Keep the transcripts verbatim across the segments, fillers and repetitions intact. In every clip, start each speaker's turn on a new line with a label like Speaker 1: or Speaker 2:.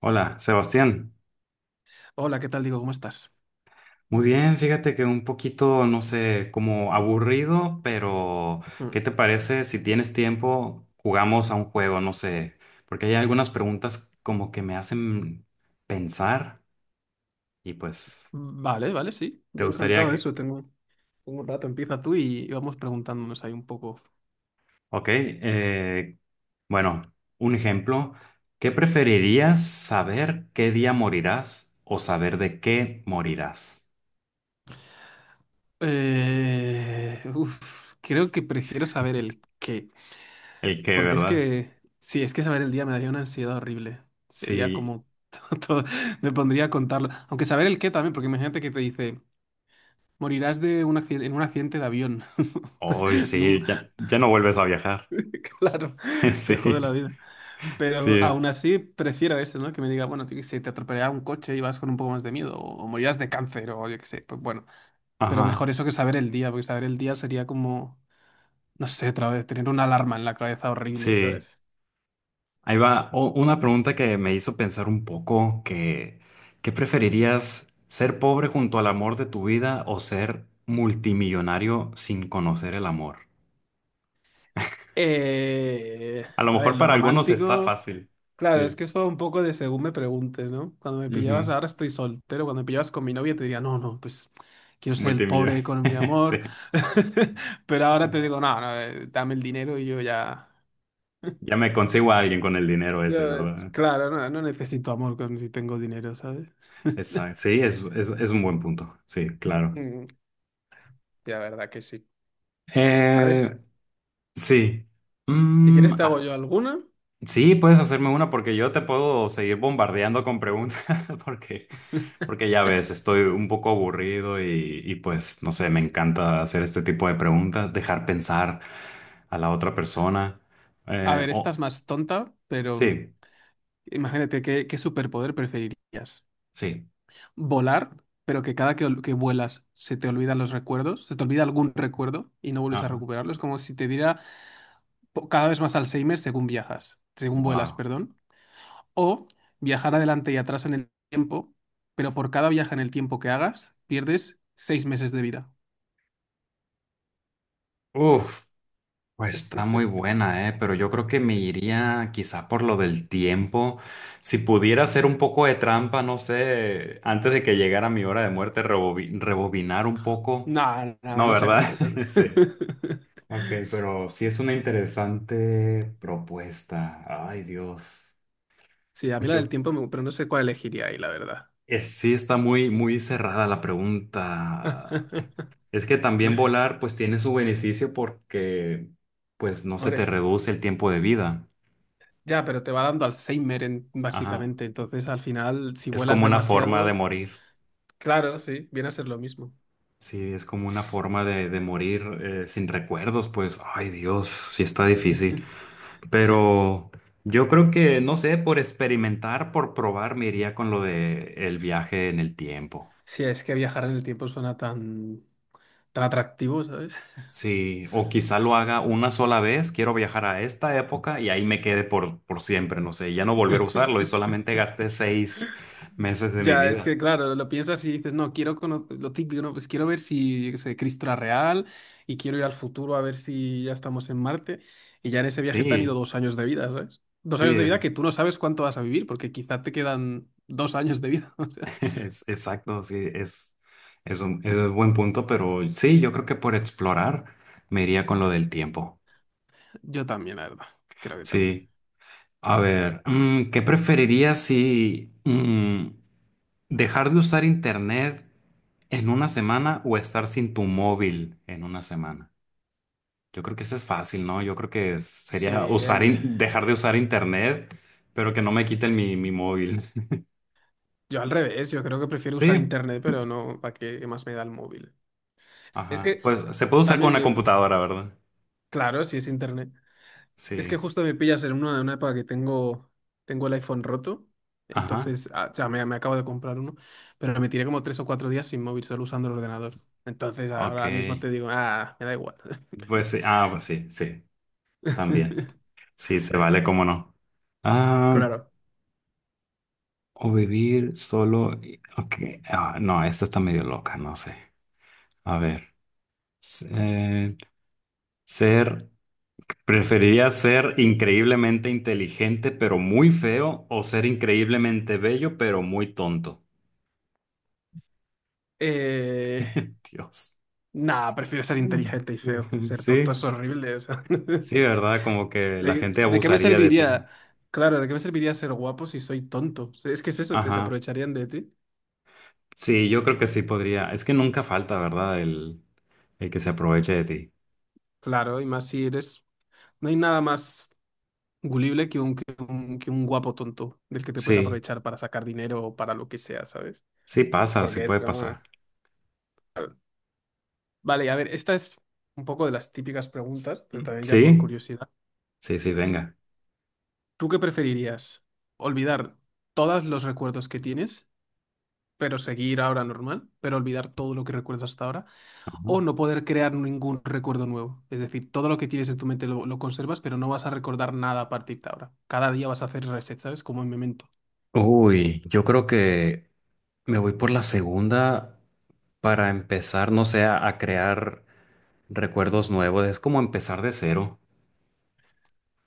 Speaker 1: Hola, Sebastián.
Speaker 2: Hola, ¿qué tal? Digo, ¿cómo estás?
Speaker 1: Muy bien, fíjate que un poquito, no sé, como aburrido, pero ¿qué
Speaker 2: Mm.
Speaker 1: te parece si tienes tiempo, jugamos a un juego, no sé, porque hay algunas preguntas como que me hacen pensar y pues
Speaker 2: Vale, vale, sí.
Speaker 1: te
Speaker 2: Yo
Speaker 1: gustaría
Speaker 2: encantado de
Speaker 1: que...
Speaker 2: eso. Tengo, tengo un rato. Empieza tú y y vamos preguntándonos ahí un poco.
Speaker 1: Ok, eh, bueno, un ejemplo, ¿qué preferirías saber qué día morirás o saber de qué morirás?
Speaker 2: Eh, uf, creo que prefiero saber el qué.
Speaker 1: El qué,
Speaker 2: Porque es
Speaker 1: ¿verdad?
Speaker 2: que, sí, es que saber el día me daría una ansiedad horrible. Sería
Speaker 1: Sí,
Speaker 2: como todo, me pondría a contarlo. Aunque saber el qué también, porque imagínate que te dice, morirás de un accidente, en un accidente de avión. Pues,
Speaker 1: hoy
Speaker 2: nun-
Speaker 1: sí, ya, ya no vuelves a viajar.
Speaker 2: claro, te jode la
Speaker 1: Sí,
Speaker 2: vida.
Speaker 1: sí
Speaker 2: Pero aún
Speaker 1: es.
Speaker 2: así prefiero eso, ¿no? Que me diga, bueno, yo qué sé, te atropellará un coche y vas con un poco más de miedo, o, o morirás de cáncer, o yo qué sé, pues bueno. Pero mejor
Speaker 1: Ajá,
Speaker 2: eso que saber el día, porque saber el día sería como, no sé, otra vez, tener una alarma en la cabeza horrible,
Speaker 1: sí.
Speaker 2: ¿sabes?
Speaker 1: Ahí va o- una pregunta que me hizo pensar un poco, que ¿qué preferirías, ser pobre junto al amor de tu vida o ser multimillonario sin conocer el amor?
Speaker 2: Eh,
Speaker 1: A lo
Speaker 2: a ver,
Speaker 1: mejor
Speaker 2: lo
Speaker 1: para algunos está
Speaker 2: romántico.
Speaker 1: fácil.
Speaker 2: Claro, es
Speaker 1: Sí.
Speaker 2: que eso un poco de según me preguntes, ¿no? Cuando me pillabas
Speaker 1: Ujú.
Speaker 2: ahora estoy soltero, cuando me pillabas con mi novia te diría, no, no, pues quiero ser el pobre con mi
Speaker 1: Multimillonario. Sí.
Speaker 2: amor. Pero ahora te digo, no, no, eh, dame el dinero y yo ya.
Speaker 1: Ya me consigo a alguien con el dinero ese,
Speaker 2: Yo, es-
Speaker 1: ¿verdad?
Speaker 2: claro, no, no necesito amor con si tengo dinero, ¿sabes?
Speaker 1: Exacto. Sí, es, es, es un buen punto. Sí, claro.
Speaker 2: Mm, ya, verdad que sí. A ver,
Speaker 1: Eh,
Speaker 2: si
Speaker 1: sí.
Speaker 2: si
Speaker 1: Mm,
Speaker 2: quieres te hago yo alguna.
Speaker 1: sí, puedes hacerme una porque yo te puedo seguir bombardeando con preguntas porque, porque ya ves, estoy un poco aburrido y, y pues no sé, me encanta hacer este tipo de preguntas, dejar pensar a la otra persona.
Speaker 2: A
Speaker 1: Eh,
Speaker 2: ver, esta es
Speaker 1: oh,
Speaker 2: más tonta, pero mm,
Speaker 1: sí,
Speaker 2: imagínate qué, qué superpoder preferirías.
Speaker 1: sí.
Speaker 2: Volar, pero que cada que, ol- que vuelas se te olvidan los recuerdos, se te olvida algún recuerdo y no vuelves a
Speaker 1: Ajá.
Speaker 2: recuperarlo. Es como si te diera po- cada vez más Alzheimer según viajas, según vuelas,
Speaker 1: Wow.
Speaker 2: perdón. O viajar adelante y atrás en el tiempo, pero por cada viaje en el tiempo que hagas, pierdes seis meses de vida.
Speaker 1: Uf, pues está muy buena, eh, pero yo creo que me iría quizá por lo del tiempo. Si pudiera hacer un poco de trampa, no sé, antes de que llegara mi hora de muerte, rebobi- rebobinar un poco.
Speaker 2: No, no,
Speaker 1: No,
Speaker 2: no se
Speaker 1: ¿verdad?
Speaker 2: vale.
Speaker 1: Sí. Ok, pero sí es una interesante propuesta. Ay, Dios.
Speaker 2: Sí, a mí
Speaker 1: Pues
Speaker 2: la del
Speaker 1: yo,
Speaker 2: tiempo, me- pero no sé cuál elegiría ahí, la verdad.
Speaker 1: es- sí está muy, muy cerrada la pregunta. Es que también volar, pues tiene su beneficio porque, pues no se te
Speaker 2: Hombre,
Speaker 1: reduce el tiempo de vida.
Speaker 2: ya, pero te va dando Alzheimer, en-
Speaker 1: Ajá.
Speaker 2: básicamente. Entonces, al final, si
Speaker 1: Es
Speaker 2: vuelas
Speaker 1: como una forma de
Speaker 2: demasiado,
Speaker 1: morir.
Speaker 2: claro, sí, viene a ser lo mismo.
Speaker 1: Sí, es como una forma de, de morir eh, sin recuerdos, pues, ay, Dios, sí está difícil.
Speaker 2: Sí.
Speaker 1: Pero yo creo que, no sé, por experimentar, por probar, me iría con lo de el viaje en el tiempo.
Speaker 2: Sí, es que viajar en el tiempo suena tan, tan atractivo, ¿sabes?
Speaker 1: Sí, o quizá lo haga una sola vez, quiero viajar a esta época y ahí me quede por, por siempre, no sé, y ya no volver a usarlo y solamente gasté seis meses de mi
Speaker 2: Ya, es
Speaker 1: vida.
Speaker 2: que claro, lo piensas y dices, no, quiero conocer lo típico, no, pues quiero ver si, yo qué sé, Cristo era real y quiero ir al futuro a ver si ya estamos en Marte. Y ya en ese viaje te han ido
Speaker 1: Sí,
Speaker 2: dos años de vida, ¿sabes? Dos
Speaker 1: sí,
Speaker 2: años de
Speaker 1: es,
Speaker 2: vida que tú no sabes cuánto vas a vivir, porque quizá te quedan dos años de vida. O sea,
Speaker 1: es exacto, sí, es, es un, es un buen punto, pero sí, yo creo que por explorar me iría con lo del tiempo.
Speaker 2: yo también, la verdad. Creo que también.
Speaker 1: Sí. A ver, mm, ¿qué preferirías si mm, dejar de usar internet en una semana o estar sin tu móvil en una semana? Yo creo que eso es fácil, ¿no? Yo creo que
Speaker 2: Sí,
Speaker 1: sería usar
Speaker 2: el...
Speaker 1: in- dejar de usar internet, pero que no me quiten mi, mi móvil.
Speaker 2: yo al revés, yo creo que prefiero usar
Speaker 1: Sí,
Speaker 2: internet, pero no, ¿para qué, qué más me da el móvil? Es
Speaker 1: ajá.
Speaker 2: que
Speaker 1: Pues se puede usar con
Speaker 2: también
Speaker 1: una
Speaker 2: me...
Speaker 1: computadora, ¿verdad?
Speaker 2: Claro, si es internet. Es que
Speaker 1: Sí,
Speaker 2: justo me pillas en una, en una época que tengo, tengo el iPhone roto.
Speaker 1: ajá.
Speaker 2: Entonces, ah, o sea, me, me acabo de comprar uno, pero me tiré como tres o cuatro días sin móvil, solo usando el ordenador. Entonces,
Speaker 1: Ok.
Speaker 2: ahora mismo te digo, ah, me da igual.
Speaker 1: Pues sí, ah, pues sí, sí, también. Sí, se vale, cómo no. Ah.
Speaker 2: Claro.
Speaker 1: O vivir solo. y- Ok. Ah, no, esta está medio loca, no sé. A ver. Ser, ser. ¿Preferirías ser increíblemente inteligente pero muy feo o ser increíblemente bello pero muy tonto?
Speaker 2: Eh,
Speaker 1: Dios.
Speaker 2: nah, prefiero ser
Speaker 1: Mm.
Speaker 2: inteligente y feo. Ser tonto
Speaker 1: Sí,
Speaker 2: es horrible, o sea. ¿De,
Speaker 1: sí, ¿verdad? Como que la gente
Speaker 2: de qué me
Speaker 1: abusaría de ti.
Speaker 2: serviría? Claro, ¿de qué me serviría ser guapo si soy tonto? O sea, es que es eso, te se
Speaker 1: Ajá.
Speaker 2: aprovecharían de ti.
Speaker 1: Sí, yo creo que sí podría. Es que nunca falta, ¿verdad? El, el que se aproveche de ti.
Speaker 2: Claro, y más si eres... No hay nada más gulible que un, que un, que un guapo tonto del que te puedes
Speaker 1: Sí,
Speaker 2: aprovechar para sacar dinero o para lo que sea, ¿sabes?
Speaker 1: sí pasa, sí
Speaker 2: Porque...
Speaker 1: puede pasar.
Speaker 2: no- vale, a ver, esta es un poco de las típicas preguntas, pero
Speaker 1: Mm.
Speaker 2: también ya por
Speaker 1: ¿Sí?
Speaker 2: curiosidad.
Speaker 1: Sí, sí, venga.
Speaker 2: ¿Tú qué preferirías? ¿Olvidar todos los recuerdos que tienes, pero seguir ahora normal, pero olvidar todo lo que recuerdas hasta ahora?
Speaker 1: Ujú.
Speaker 2: ¿O no poder crear ningún recuerdo nuevo? Es decir, todo lo que tienes en tu mente lo, lo conservas, pero no vas a recordar nada a partir de ahora. Cada día vas a hacer reset, ¿sabes? Como en Memento.
Speaker 1: Uy, yo creo que me voy por la segunda para empezar, no sé, a, a crear recuerdos nuevos. Es como empezar de cero.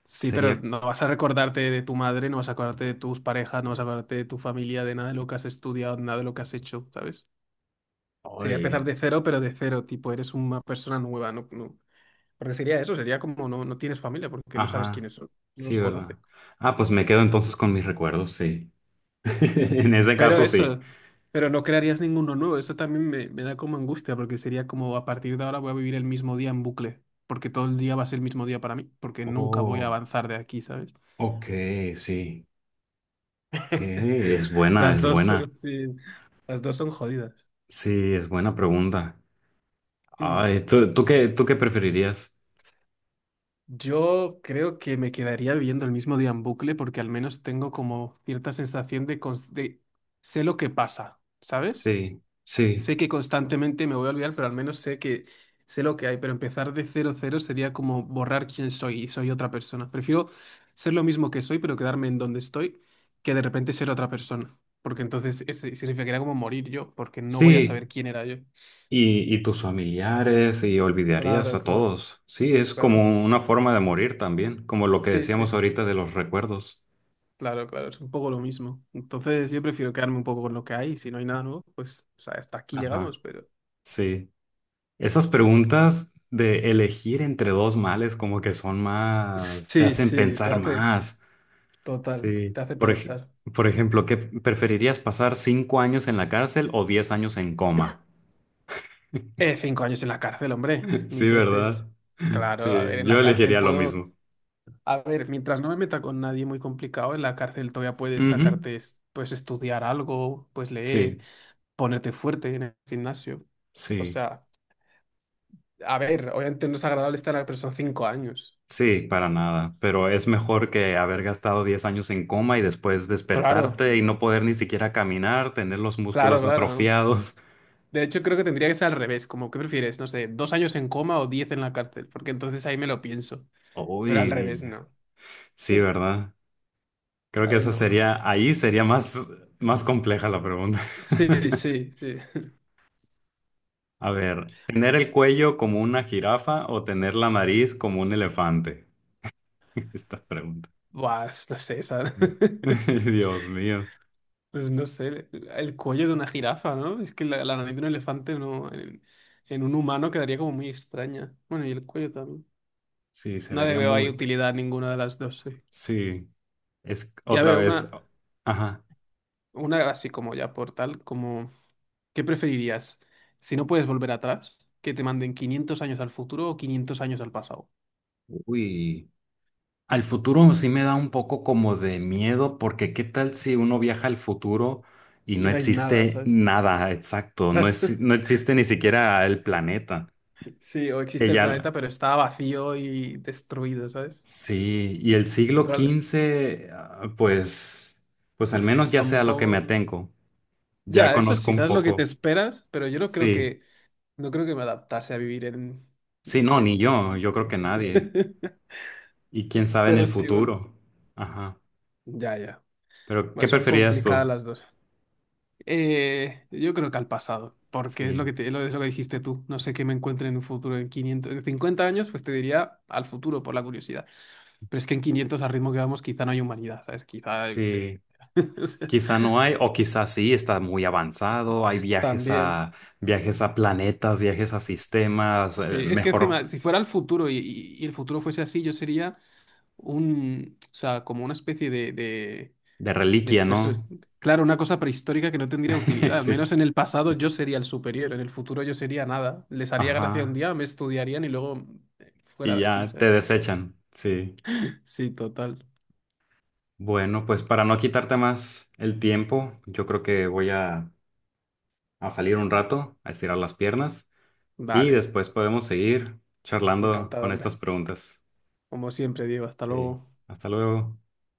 Speaker 2: Sí, pero
Speaker 1: Sería...
Speaker 2: no vas a recordarte de tu madre, no vas a acordarte de tus parejas, no vas a acordarte de tu familia, de nada de lo que has estudiado, nada de lo que has hecho, ¿sabes? Sería empezar
Speaker 1: Uy,
Speaker 2: de cero, pero de cero, tipo, eres una persona nueva, no, no. Porque sería eso, sería como no, no tienes familia porque no sabes
Speaker 1: ajá.
Speaker 2: quiénes son, no
Speaker 1: Sí,
Speaker 2: los conoces.
Speaker 1: ¿verdad? Ah, pues me quedo entonces con mis recuerdos, sí. En ese
Speaker 2: Pero
Speaker 1: caso, sí.
Speaker 2: eso, pero no crearías ninguno nuevo, eso también me, me da como angustia, porque sería como a partir de ahora voy a vivir el mismo día en bucle, porque todo el día va a ser el mismo día para mí, porque nunca voy a
Speaker 1: Oh,
Speaker 2: avanzar de aquí, ¿sabes?
Speaker 1: ok, sí. Eh, es buena,
Speaker 2: Las
Speaker 1: es
Speaker 2: dos,
Speaker 1: buena.
Speaker 2: son- sí, las dos son jodidas.
Speaker 1: Sí, es buena pregunta.
Speaker 2: Mm.
Speaker 1: Ay, ¿tú, tú qué, tú qué preferirías?
Speaker 2: Yo creo que me quedaría viviendo el mismo día en bucle porque al menos tengo como cierta sensación de, cons- de- sé lo que pasa, ¿sabes?
Speaker 1: Sí, sí,
Speaker 2: Sé que constantemente me voy a olvidar, pero al menos sé que sé lo que hay. Pero empezar de cero cero sería como borrar quién soy y soy otra persona. Prefiero ser lo mismo que soy, pero quedarme en donde estoy, que de repente ser otra persona. Porque entonces ese significaría como morir yo, porque no voy a
Speaker 1: sí.
Speaker 2: saber quién era yo.
Speaker 1: Y, y tus familiares y olvidarías
Speaker 2: Claro,
Speaker 1: a
Speaker 2: claro,
Speaker 1: todos. Sí, es
Speaker 2: claro.
Speaker 1: como una forma de morir también, como lo que
Speaker 2: Sí,
Speaker 1: decíamos
Speaker 2: sí.
Speaker 1: ahorita de los recuerdos.
Speaker 2: Claro, claro, es un poco lo mismo. Entonces, yo prefiero quedarme un poco con lo que hay. Si no hay nada nuevo, pues, o sea, hasta aquí
Speaker 1: Ajá,
Speaker 2: llegamos, pero.
Speaker 1: sí. Esas preguntas de elegir entre dos males como que son más, te
Speaker 2: Sí,
Speaker 1: hacen
Speaker 2: sí, te
Speaker 1: pensar
Speaker 2: hace.
Speaker 1: más.
Speaker 2: Total,
Speaker 1: Sí.
Speaker 2: te hace
Speaker 1: Por ej-
Speaker 2: pensar.
Speaker 1: por ejemplo, ¿qué preferirías pasar cinco años en la cárcel o diez años en coma?
Speaker 2: Eh, cinco años en la cárcel, hombre, mil
Speaker 1: Sí,
Speaker 2: veces.
Speaker 1: ¿verdad?
Speaker 2: Claro, a ver,
Speaker 1: Sí,
Speaker 2: en
Speaker 1: yo
Speaker 2: la cárcel
Speaker 1: elegiría lo
Speaker 2: puedo.
Speaker 1: mismo.
Speaker 2: A ver, mientras no me meta con nadie muy complicado, en la cárcel todavía puedes
Speaker 1: Ujú,
Speaker 2: sacarte, es- pues, estudiar algo, pues, leer,
Speaker 1: sí,
Speaker 2: ponerte fuerte en el gimnasio. O
Speaker 1: sí.
Speaker 2: sea, a ver, obviamente no es agradable estar, pero son cinco años.
Speaker 1: Sí, para nada, pero es mejor que haber gastado diez años en coma y después
Speaker 2: Claro,
Speaker 1: despertarte y no poder ni siquiera caminar, tener los
Speaker 2: claro,
Speaker 1: músculos
Speaker 2: claro, ¿no?
Speaker 1: atrofiados.
Speaker 2: De hecho, creo que tendría que ser al revés, como ¿qué prefieres? No sé, dos años en coma o diez en la cárcel, porque entonces ahí me lo pienso, pero al revés
Speaker 1: Uy,
Speaker 2: no.
Speaker 1: sí, ¿verdad? Creo que
Speaker 2: Ahí
Speaker 1: esa
Speaker 2: no, no.
Speaker 1: sería, ahí sería más, más compleja la pregunta.
Speaker 2: Sí, sí, sí.
Speaker 1: A ver, ¿tener el cuello como una jirafa o tener la nariz como un elefante? Esta pregunta.
Speaker 2: Buah, es- no sé, esa...
Speaker 1: Mm. Dios mío.
Speaker 2: Pues no sé, el cuello de una jirafa, ¿no? Es que la, la nariz de un elefante no, en, en un humano quedaría como muy extraña. Bueno, y el cuello también.
Speaker 1: Sí, se
Speaker 2: No le
Speaker 1: vería
Speaker 2: veo ahí
Speaker 1: muy...
Speaker 2: utilidad a ninguna de las dos, sí.
Speaker 1: Sí, es
Speaker 2: Y a
Speaker 1: otra
Speaker 2: ver,
Speaker 1: vez...
Speaker 2: una,
Speaker 1: Ajá.
Speaker 2: una así como ya por tal, como... ¿Qué preferirías? Si no puedes volver atrás, que te manden quinientos años al futuro o quinientos años al pasado.
Speaker 1: Uy. Al futuro sí me da un poco como de miedo, porque ¿qué tal si uno viaja al futuro y no
Speaker 2: Y no hay nada,
Speaker 1: existe
Speaker 2: ¿sabes?
Speaker 1: nada exacto? No,
Speaker 2: Claro.
Speaker 1: es- no existe ni siquiera el planeta.
Speaker 2: Sí, o existe el
Speaker 1: Ella,
Speaker 2: planeta, pero está vacío y destruido, ¿sabes?
Speaker 1: sí, y el siglo
Speaker 2: Pero,
Speaker 1: quince ah, pues, pues al
Speaker 2: uf,
Speaker 1: menos ya sé a lo que me
Speaker 2: tampoco.
Speaker 1: atengo. Ya
Speaker 2: Ya, eso
Speaker 1: conozco
Speaker 2: sí,
Speaker 1: un
Speaker 2: sabes lo que te
Speaker 1: poco.
Speaker 2: esperas, pero yo no creo
Speaker 1: Sí,
Speaker 2: que, no creo que me adaptase a vivir en, yo
Speaker 1: sí,
Speaker 2: qué
Speaker 1: no,
Speaker 2: sé,
Speaker 1: ni
Speaker 2: en
Speaker 1: yo, yo creo que nadie.
Speaker 2: el-
Speaker 1: Y quién sabe en el
Speaker 2: Pero sí, bueno,
Speaker 1: futuro. Ajá.
Speaker 2: ya, ya.
Speaker 1: Pero, ¿qué
Speaker 2: Bueno, son
Speaker 1: preferirías
Speaker 2: complicadas
Speaker 1: tú?
Speaker 2: las dos. Eh, yo creo que al pasado, porque es lo
Speaker 1: Sí,
Speaker 2: que te- lo, es lo que dijiste tú. No sé qué me encuentre en un futuro en quinientos en cincuenta años, pues te diría al futuro por la curiosidad. Pero es que en quinientos al ritmo que vamos, quizá no hay humanidad, ¿sabes? Quizá, yo qué sé.
Speaker 1: sí.
Speaker 2: O sea,
Speaker 1: Quizá no hay, o quizá sí, está muy avanzado, hay viajes
Speaker 2: también.
Speaker 1: a viajes a planetas, viajes a sistemas,
Speaker 2: Sí,
Speaker 1: eh,
Speaker 2: es que encima,
Speaker 1: mejor
Speaker 2: si fuera el futuro y, y- y el futuro fuese así, yo sería un, o sea, como una especie de,
Speaker 1: de
Speaker 2: De
Speaker 1: reliquia,
Speaker 2: perso-
Speaker 1: ¿no?
Speaker 2: claro, una cosa prehistórica que no tendría utilidad. Al menos
Speaker 1: Sí.
Speaker 2: en el pasado yo sería el superior, en el futuro yo sería nada. Les haría gracia un
Speaker 1: Ajá.
Speaker 2: día, me estudiarían y luego eh, fuera
Speaker 1: Y
Speaker 2: de aquí,
Speaker 1: ya te
Speaker 2: ¿sabes?
Speaker 1: desechan. Sí.
Speaker 2: Sí, total.
Speaker 1: Bueno, pues para no quitarte más el tiempo, yo creo que voy a, a salir un rato, a estirar las piernas y
Speaker 2: Dale,
Speaker 1: después podemos seguir charlando
Speaker 2: encantado,
Speaker 1: con
Speaker 2: hombre.
Speaker 1: estas preguntas.
Speaker 2: Como siempre, Diego, hasta
Speaker 1: Sí.
Speaker 2: luego.
Speaker 1: Hasta luego.